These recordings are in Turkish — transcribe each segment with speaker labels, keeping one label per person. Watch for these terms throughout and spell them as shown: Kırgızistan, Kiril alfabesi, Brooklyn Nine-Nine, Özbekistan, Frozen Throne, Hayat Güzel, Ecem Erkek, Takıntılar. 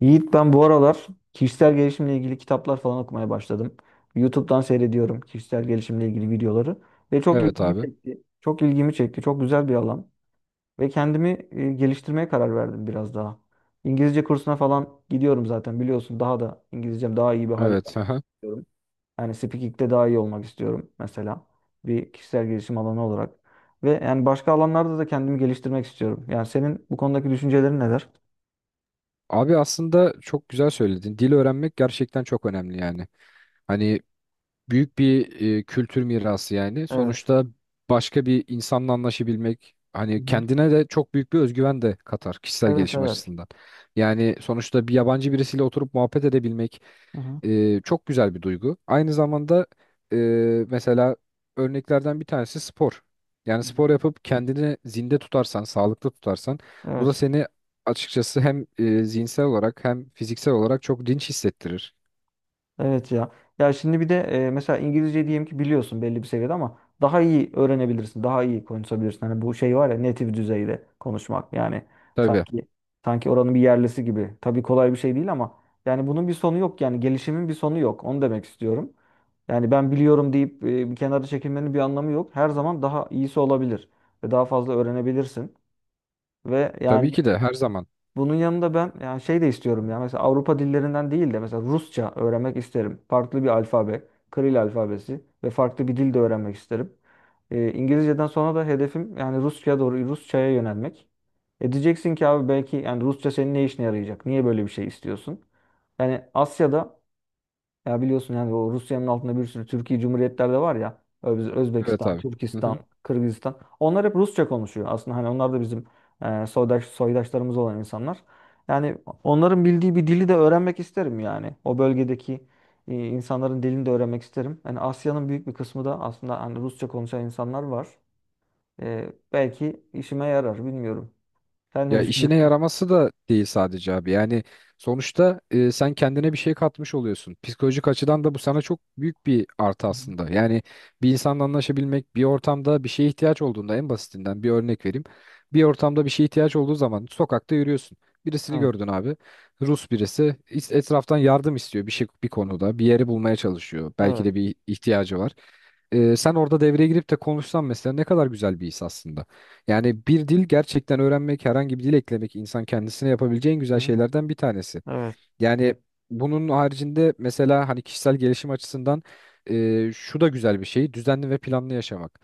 Speaker 1: Yiğit ben bu aralar kişisel gelişimle ilgili kitaplar falan okumaya başladım. YouTube'dan seyrediyorum kişisel gelişimle ilgili videoları ve çok
Speaker 2: Evet
Speaker 1: ilgimi
Speaker 2: abi.
Speaker 1: çekti. Çok ilgimi çekti. Çok güzel bir alan ve kendimi geliştirmeye karar verdim biraz daha. İngilizce kursuna falan gidiyorum zaten biliyorsun. Daha da İngilizcem daha iyi bir hale gelmek
Speaker 2: Evet. Aha.
Speaker 1: istiyorum. Yani speaking'de daha iyi olmak istiyorum mesela. Bir kişisel gelişim alanı olarak. Ve yani başka alanlarda da kendimi geliştirmek istiyorum. Yani senin bu konudaki düşüncelerin neler?
Speaker 2: Abi aslında çok güzel söyledin. Dil öğrenmek gerçekten çok önemli yani. Hani büyük bir kültür mirası yani.
Speaker 1: Evet.
Speaker 2: Sonuçta başka bir insanla anlaşabilmek
Speaker 1: Hı
Speaker 2: hani
Speaker 1: hı.
Speaker 2: kendine de çok büyük bir özgüven de katar kişisel
Speaker 1: Evet,
Speaker 2: gelişim
Speaker 1: evet.
Speaker 2: açısından. Yani sonuçta bir yabancı birisiyle oturup muhabbet edebilmek
Speaker 1: Hı hı.
Speaker 2: çok güzel bir duygu. Aynı zamanda e, mesela örneklerden bir tanesi spor. Yani
Speaker 1: Hı hı.
Speaker 2: spor yapıp kendini zinde tutarsan, sağlıklı tutarsan bu da
Speaker 1: Evet.
Speaker 2: seni açıkçası hem zihinsel olarak hem fiziksel olarak çok dinç hissettirir.
Speaker 1: Evet ya. Ya şimdi bir de mesela İngilizce diyelim ki biliyorsun belli bir seviyede ama daha iyi öğrenebilirsin. Daha iyi konuşabilirsin. Hani bu şey var ya native düzeyde konuşmak. Yani
Speaker 2: Tabii.
Speaker 1: sanki sanki oranın bir yerlisi gibi. Tabii kolay bir şey değil ama yani bunun bir sonu yok. Yani gelişimin bir sonu yok. Onu demek istiyorum. Yani ben biliyorum deyip bir kenara çekilmenin bir anlamı yok. Her zaman daha iyisi olabilir ve daha fazla öğrenebilirsin ve
Speaker 2: Tabii
Speaker 1: yani
Speaker 2: ki de her zaman.
Speaker 1: bunun yanında ben yani şey de istiyorum ya mesela Avrupa dillerinden değil de mesela Rusça öğrenmek isterim. Farklı bir alfabe, Kiril alfabesi ve farklı bir dil de öğrenmek isterim. İngilizceden sonra da hedefim yani Rusça'ya doğru Rusça'ya yönelmek. E diyeceksin ki abi belki yani Rusça senin ne işine yarayacak? Niye böyle bir şey istiyorsun? Yani Asya'da ya biliyorsun yani o Rusya'nın altında bir sürü Türkiye Cumhuriyetler de var ya.
Speaker 2: Evet
Speaker 1: Özbekistan,
Speaker 2: abi. Hı
Speaker 1: Türkistan,
Speaker 2: hı.
Speaker 1: Kırgızistan. Onlar hep Rusça konuşuyor aslında. Hani onlar da bizim soydaşlarımız olan insanlar. Yani onların bildiği bir dili de öğrenmek isterim yani. O bölgedeki insanların dilini de öğrenmek isterim. Yani Asya'nın büyük bir kısmı da aslında hani Rusça konuşan insanlar var. Belki işime yarar bilmiyorum. Sen ne
Speaker 2: Ya işine
Speaker 1: düşünüyorsun?
Speaker 2: yaraması da değil sadece abi. Yani sonuçta sen kendine bir şey katmış oluyorsun. Psikolojik açıdan da bu sana çok büyük bir artı
Speaker 1: Hı hı.
Speaker 2: aslında. Yani bir insanla anlaşabilmek, bir ortamda bir şeye ihtiyaç olduğunda en basitinden bir örnek vereyim. Bir ortamda bir şeye ihtiyaç olduğu zaman sokakta yürüyorsun. Birisini
Speaker 1: Evet,
Speaker 2: gördün abi. Rus birisi etraftan yardım istiyor bir şey bir konuda. Bir yeri bulmaya çalışıyor. Belki
Speaker 1: evet.
Speaker 2: de bir ihtiyacı var. Sen orada devreye girip de konuşsan mesela ne kadar güzel bir his aslında. Yani bir dil gerçekten öğrenmek, herhangi bir dil eklemek insan kendisine yapabileceği en
Speaker 1: Hı
Speaker 2: güzel
Speaker 1: hı.
Speaker 2: şeylerden bir tanesi.
Speaker 1: Evet.
Speaker 2: Yani bunun haricinde mesela hani kişisel gelişim açısından şu da güzel bir şey, düzenli ve planlı yaşamak.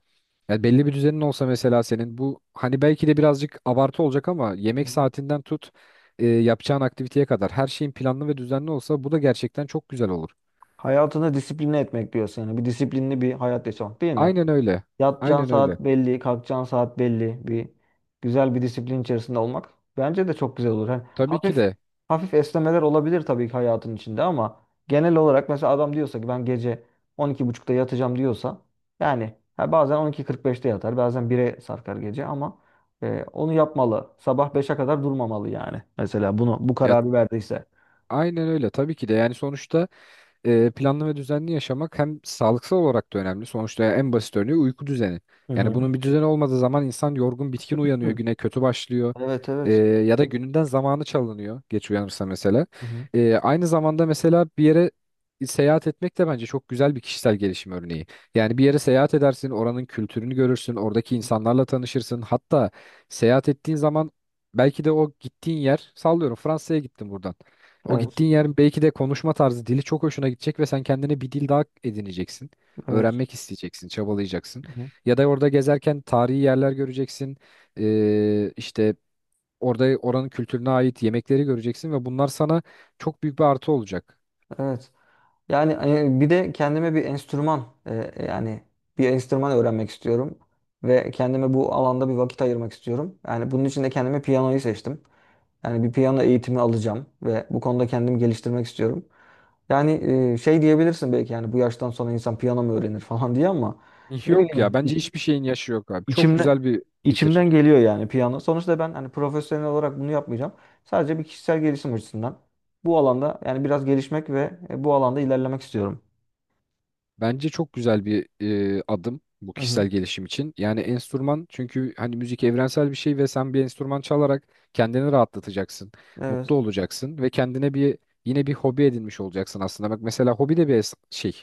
Speaker 2: Yani belli bir düzenin olsa mesela senin bu hani belki de birazcık abartı olacak ama yemek saatinden tut yapacağın aktiviteye kadar her şeyin planlı ve düzenli olsa bu da gerçekten çok güzel olur.
Speaker 1: Hayatını disipline etmek diyorsun yani. Bir disiplinli bir hayat yaşamak değil mi?
Speaker 2: Aynen öyle.
Speaker 1: Yatacağın
Speaker 2: Aynen öyle.
Speaker 1: saat belli, kalkacağın saat belli. Güzel bir disiplin içerisinde olmak bence de çok güzel olur. Hani
Speaker 2: Tabii ki
Speaker 1: hafif
Speaker 2: de.
Speaker 1: hafif esnemeler olabilir tabii ki hayatın içinde ama genel olarak mesela adam diyorsa ki ben gece 12.30'da yatacağım diyorsa yani ha bazen 12.45'te yatar, bazen 1'e sarkar gece ama onu yapmalı. Sabah beşe kadar durmamalı yani. Mesela bu
Speaker 2: Ya
Speaker 1: kararı verdiyse.
Speaker 2: aynen öyle. Tabii ki de. Yani sonuçta planlı ve düzenli yaşamak hem sağlıksal olarak da önemli. Sonuçta en basit örneği uyku düzeni.
Speaker 1: Hı
Speaker 2: Yani
Speaker 1: hı.
Speaker 2: bunun bir düzeni olmadığı zaman insan yorgun, bitkin uyanıyor,
Speaker 1: Hı.
Speaker 2: güne kötü başlıyor.
Speaker 1: Evet, evet.
Speaker 2: Ya da gününden zamanı çalınıyor geç uyanırsa mesela.
Speaker 1: Hı hı.
Speaker 2: Aynı zamanda mesela bir yere seyahat etmek de bence çok güzel bir kişisel gelişim örneği. Yani bir yere seyahat edersin, oranın kültürünü görürsün, oradaki insanlarla tanışırsın. Hatta seyahat ettiğin zaman belki de o gittiğin yer, sallıyorum Fransa'ya gittim buradan. O
Speaker 1: Evet.
Speaker 2: gittiğin yerin belki de konuşma tarzı, dili çok hoşuna gidecek ve sen kendine bir dil daha edineceksin.
Speaker 1: Evet.
Speaker 2: Öğrenmek isteyeceksin, çabalayacaksın.
Speaker 1: Hı hı.
Speaker 2: Ya da orada gezerken tarihi yerler göreceksin. İşte orada oranın kültürüne ait yemekleri göreceksin ve bunlar sana çok büyük bir artı olacak.
Speaker 1: Evet. Yani bir de kendime bir enstrüman yani bir enstrüman öğrenmek istiyorum ve kendime bu alanda bir vakit ayırmak istiyorum. Yani bunun için de kendime piyanoyu seçtim. Yani bir piyano eğitimi alacağım ve bu konuda kendimi geliştirmek istiyorum. Yani şey diyebilirsin belki yani bu yaştan sonra insan piyano mu öğrenir falan diye ama ne
Speaker 2: Yok ya
Speaker 1: bileyim
Speaker 2: bence hiçbir şeyin yaşı yok abi. Çok
Speaker 1: İçimde
Speaker 2: güzel bir fikir.
Speaker 1: içimden geliyor yani piyano. Sonuçta ben hani profesyonel olarak bunu yapmayacağım. Sadece bir kişisel gelişim açısından bu alanda yani biraz gelişmek ve bu alanda ilerlemek istiyorum.
Speaker 2: Bence çok güzel bir adım bu
Speaker 1: Hı hı.
Speaker 2: kişisel gelişim için. Yani enstrüman çünkü hani müzik evrensel bir şey ve sen bir enstrüman çalarak kendini rahatlatacaksın, mutlu
Speaker 1: Evet.
Speaker 2: olacaksın ve kendine bir yine bir hobi edinmiş olacaksın aslında. Bak mesela hobi de bir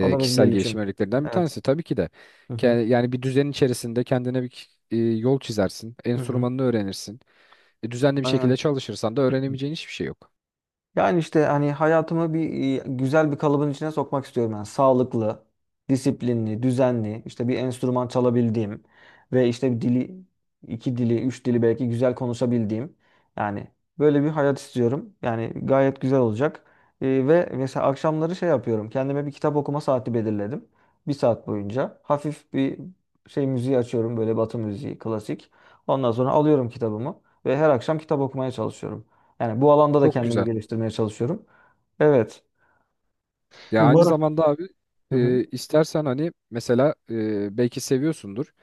Speaker 1: O da bir
Speaker 2: kişisel gelişim
Speaker 1: gelişim.
Speaker 2: örneklerinden bir
Speaker 1: Evet.
Speaker 2: tanesi tabii ki de.
Speaker 1: Hı hı.
Speaker 2: Yani bir düzenin içerisinde kendine bir yol çizersin,
Speaker 1: Hı hı.
Speaker 2: enstrümanını öğrenirsin. Düzenli bir şekilde
Speaker 1: Aynen.
Speaker 2: çalışırsan da öğrenemeyeceğin hiçbir şey yok.
Speaker 1: Yani işte hani hayatımı güzel bir kalıbın içine sokmak istiyorum ben. Sağlıklı, disiplinli, düzenli, işte bir enstrüman çalabildiğim ve işte bir dili, iki dili, üç dili belki güzel konuşabildiğim. Yani böyle bir hayat istiyorum. Yani gayet güzel olacak. Ve mesela akşamları şey yapıyorum. Kendime bir kitap okuma saati belirledim. Bir saat boyunca hafif bir şey müziği açıyorum böyle Batı müziği, klasik. Ondan sonra alıyorum kitabımı ve her akşam kitap okumaya çalışıyorum. Yani bu alanda da
Speaker 2: Çok
Speaker 1: kendimi
Speaker 2: güzel.
Speaker 1: geliştirmeye çalışıyorum. Evet.
Speaker 2: Ya aynı
Speaker 1: Umarım.
Speaker 2: zamanda abi
Speaker 1: Hı hı.
Speaker 2: istersen hani mesela belki seviyorsundur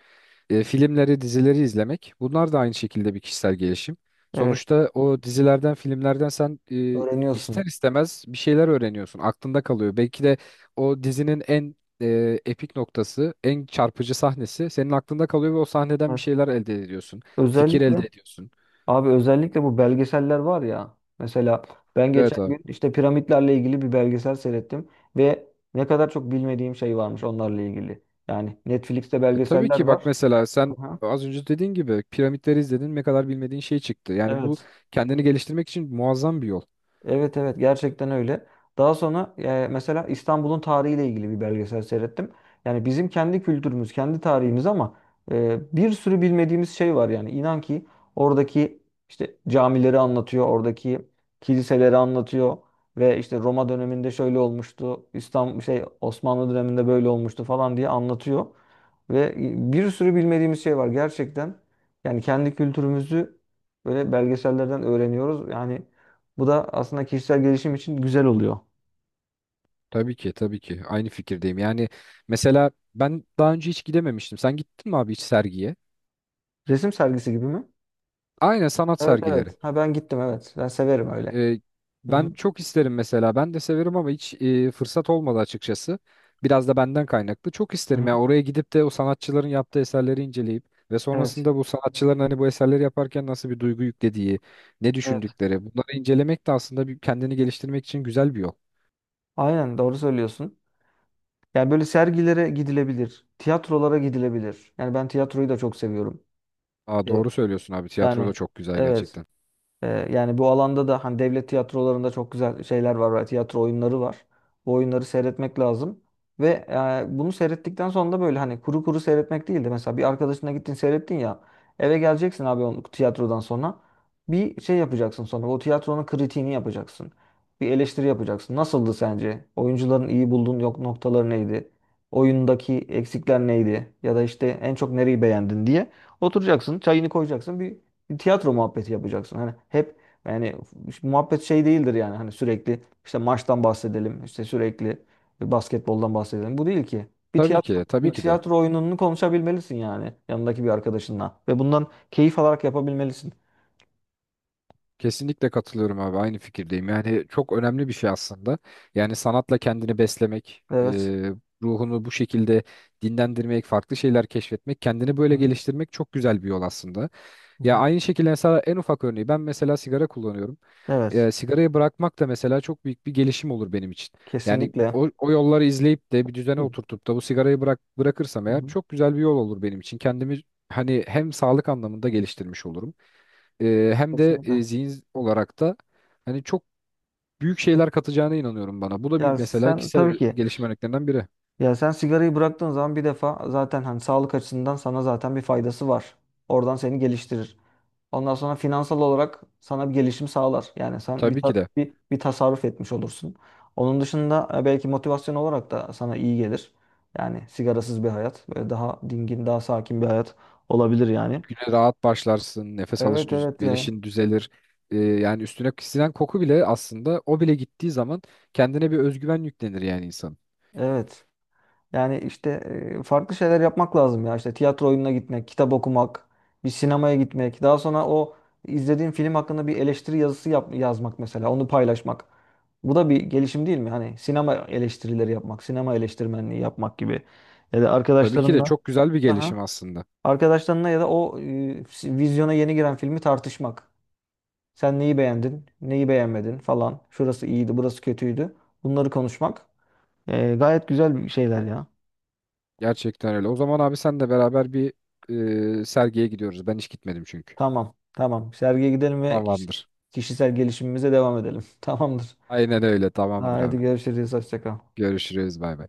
Speaker 2: filmleri, dizileri izlemek. Bunlar da aynı şekilde bir kişisel gelişim.
Speaker 1: Evet.
Speaker 2: Sonuçta o dizilerden, filmlerden sen
Speaker 1: Öğreniyorsun.
Speaker 2: ister istemez bir şeyler öğreniyorsun. Aklında kalıyor. Belki de o dizinin en epik noktası, en çarpıcı sahnesi senin aklında kalıyor ve o sahneden bir
Speaker 1: Evet.
Speaker 2: şeyler elde ediyorsun. Fikir
Speaker 1: Özellikle
Speaker 2: elde ediyorsun.
Speaker 1: abi, özellikle bu belgeseller var ya. Mesela ben
Speaker 2: Evet.
Speaker 1: geçen gün işte piramitlerle ilgili bir belgesel seyrettim ve ne kadar çok bilmediğim şey varmış onlarla ilgili. Yani Netflix'te
Speaker 2: Tabii
Speaker 1: belgeseller
Speaker 2: ki bak
Speaker 1: var.
Speaker 2: mesela sen
Speaker 1: Aha.
Speaker 2: az önce dediğin gibi piramitleri izledin ne kadar bilmediğin şey çıktı. Yani bu
Speaker 1: Evet.
Speaker 2: kendini geliştirmek için muazzam bir yol.
Speaker 1: Evet, evet, gerçekten öyle. Daha sonra mesela İstanbul'un tarihiyle ilgili bir belgesel seyrettim. Yani bizim kendi kültürümüz, kendi tarihimiz ama bir sürü bilmediğimiz şey var yani. İnan ki oradaki işte camileri anlatıyor, oradaki kiliseleri anlatıyor ve işte Roma döneminde şöyle olmuştu, İstanbul şey Osmanlı döneminde böyle olmuştu falan diye anlatıyor. Ve bir sürü bilmediğimiz şey var gerçekten. Yani kendi kültürümüzü böyle belgesellerden öğreniyoruz. Yani bu da aslında kişisel gelişim için güzel oluyor.
Speaker 2: Tabii ki, tabii ki aynı fikirdeyim. Yani mesela ben daha önce hiç gidememiştim. Sen gittin mi abi hiç sergiye?
Speaker 1: Resim sergisi gibi mi?
Speaker 2: Aynen sanat
Speaker 1: Evet,
Speaker 2: sergileri.
Speaker 1: evet. Ha, ben gittim, evet. Ben severim öyle.
Speaker 2: E,
Speaker 1: Hı hı.
Speaker 2: Ben çok isterim mesela. Ben de severim ama hiç fırsat olmadı açıkçası. Biraz da benden kaynaklı. Çok
Speaker 1: Hı
Speaker 2: isterim
Speaker 1: hı.
Speaker 2: ya oraya gidip de o sanatçıların yaptığı eserleri inceleyip ve
Speaker 1: Evet.
Speaker 2: sonrasında bu sanatçıların hani bu eserleri yaparken nasıl bir duygu yüklediği, ne
Speaker 1: Evet.
Speaker 2: düşündükleri. Bunları incelemek de aslında bir, kendini geliştirmek için güzel bir yol.
Speaker 1: Aynen, doğru söylüyorsun. Yani böyle sergilere gidilebilir. Tiyatrolara gidilebilir. Yani ben tiyatroyu da çok seviyorum.
Speaker 2: Aa,
Speaker 1: Evet.
Speaker 2: doğru söylüyorsun abi. Tiyatro da
Speaker 1: Yani
Speaker 2: çok güzel
Speaker 1: evet.
Speaker 2: gerçekten.
Speaker 1: Yani bu alanda da hani devlet tiyatrolarında çok güzel şeyler var, tiyatro oyunları var. Bu oyunları seyretmek lazım. Ve bunu seyrettikten sonra da böyle hani kuru kuru seyretmek değil de mesela bir arkadaşına gittin seyrettin ya eve geleceksin abi onu tiyatrodan sonra bir şey yapacaksın sonra o tiyatronun kritiğini yapacaksın. Bir eleştiri yapacaksın. Nasıldı sence? Oyuncuların iyi bulduğun yok noktaları neydi? Oyundaki eksikler neydi? Ya da işte en çok nereyi beğendin diye oturacaksın, çayını koyacaksın, bir tiyatro muhabbeti yapacaksın. Hani hep yani şu muhabbet şey değildir yani hani sürekli işte maçtan bahsedelim, işte sürekli basketboldan bahsedelim. Bu değil ki.
Speaker 2: Tabii ki, tabii
Speaker 1: Bir
Speaker 2: ki de.
Speaker 1: tiyatro oyununu konuşabilmelisin yani yanındaki bir arkadaşınla ve bundan keyif alarak yapabilmelisin.
Speaker 2: Kesinlikle katılıyorum abi aynı fikirdeyim. Yani çok önemli bir şey aslında. Yani sanatla kendini beslemek,
Speaker 1: Evet.
Speaker 2: ruhunu bu şekilde dinlendirmek, farklı şeyler keşfetmek, kendini böyle
Speaker 1: Hı
Speaker 2: geliştirmek çok güzel bir yol aslında. Ya
Speaker 1: hı.
Speaker 2: aynı şekilde mesela en ufak örneği ben mesela sigara kullanıyorum.
Speaker 1: Evet.
Speaker 2: Sigarayı bırakmak da mesela çok büyük bir gelişim olur benim için. Yani
Speaker 1: Kesinlikle.
Speaker 2: o yolları izleyip de bir düzene
Speaker 1: Hı
Speaker 2: oturtup da bu sigarayı bırakırsam eğer
Speaker 1: hı.
Speaker 2: çok güzel bir yol olur benim için. Kendimi hani hem sağlık anlamında geliştirmiş olurum. Hem de
Speaker 1: Kesinlikle.
Speaker 2: zihin olarak da hani çok büyük şeyler katacağına inanıyorum bana. Bu da bir
Speaker 1: Ya
Speaker 2: mesela
Speaker 1: sen
Speaker 2: kişisel
Speaker 1: tabii ki
Speaker 2: gelişim örneklerinden biri.
Speaker 1: Ya sen sigarayı bıraktığın zaman bir defa zaten hani sağlık açısından sana zaten bir faydası var. Oradan seni geliştirir. Ondan sonra finansal olarak sana bir gelişim sağlar. Yani sen bir,
Speaker 2: Tabii
Speaker 1: ta-
Speaker 2: ki de
Speaker 1: bir, bir tasarruf etmiş olursun. Onun dışında belki motivasyon olarak da sana iyi gelir. Yani sigarasız bir hayat. Böyle daha dingin, daha sakin bir hayat olabilir yani.
Speaker 2: güne rahat başlarsın, nefes
Speaker 1: Evet, evet ya.
Speaker 2: alışverişin düzelir. Yani üstüne sinen koku bile aslında o bile gittiği zaman kendine bir özgüven yüklenir yani insan.
Speaker 1: Evet. Yani işte farklı şeyler yapmak lazım ya. İşte tiyatro oyununa gitmek, kitap okumak, bir sinemaya gitmek. Daha sonra o izlediğin film hakkında bir eleştiri yazısı yazmak mesela, onu paylaşmak. Bu da bir gelişim değil mi? Hani sinema eleştirileri yapmak, sinema eleştirmenliği yapmak gibi. Ya da
Speaker 2: Tabii ki de
Speaker 1: arkadaşlarınla,
Speaker 2: çok güzel bir
Speaker 1: aha,
Speaker 2: gelişim aslında.
Speaker 1: arkadaşlarınla ya da o, vizyona yeni giren filmi tartışmak. Sen neyi beğendin, neyi beğenmedin falan. Şurası iyiydi, burası kötüydü. Bunları konuşmak. Gayet güzel şeyler ya.
Speaker 2: Gerçekten öyle. O zaman abi sen de beraber bir sergiye gidiyoruz. Ben hiç gitmedim çünkü.
Speaker 1: Tamam. Tamam. Sergiye gidelim ve
Speaker 2: Tamamdır.
Speaker 1: kişisel gelişimimize devam edelim. Tamamdır.
Speaker 2: Aynen öyle. Tamamdır
Speaker 1: Haydi
Speaker 2: abi.
Speaker 1: görüşürüz. Hoşça kal.
Speaker 2: Görüşürüz. Bay bay.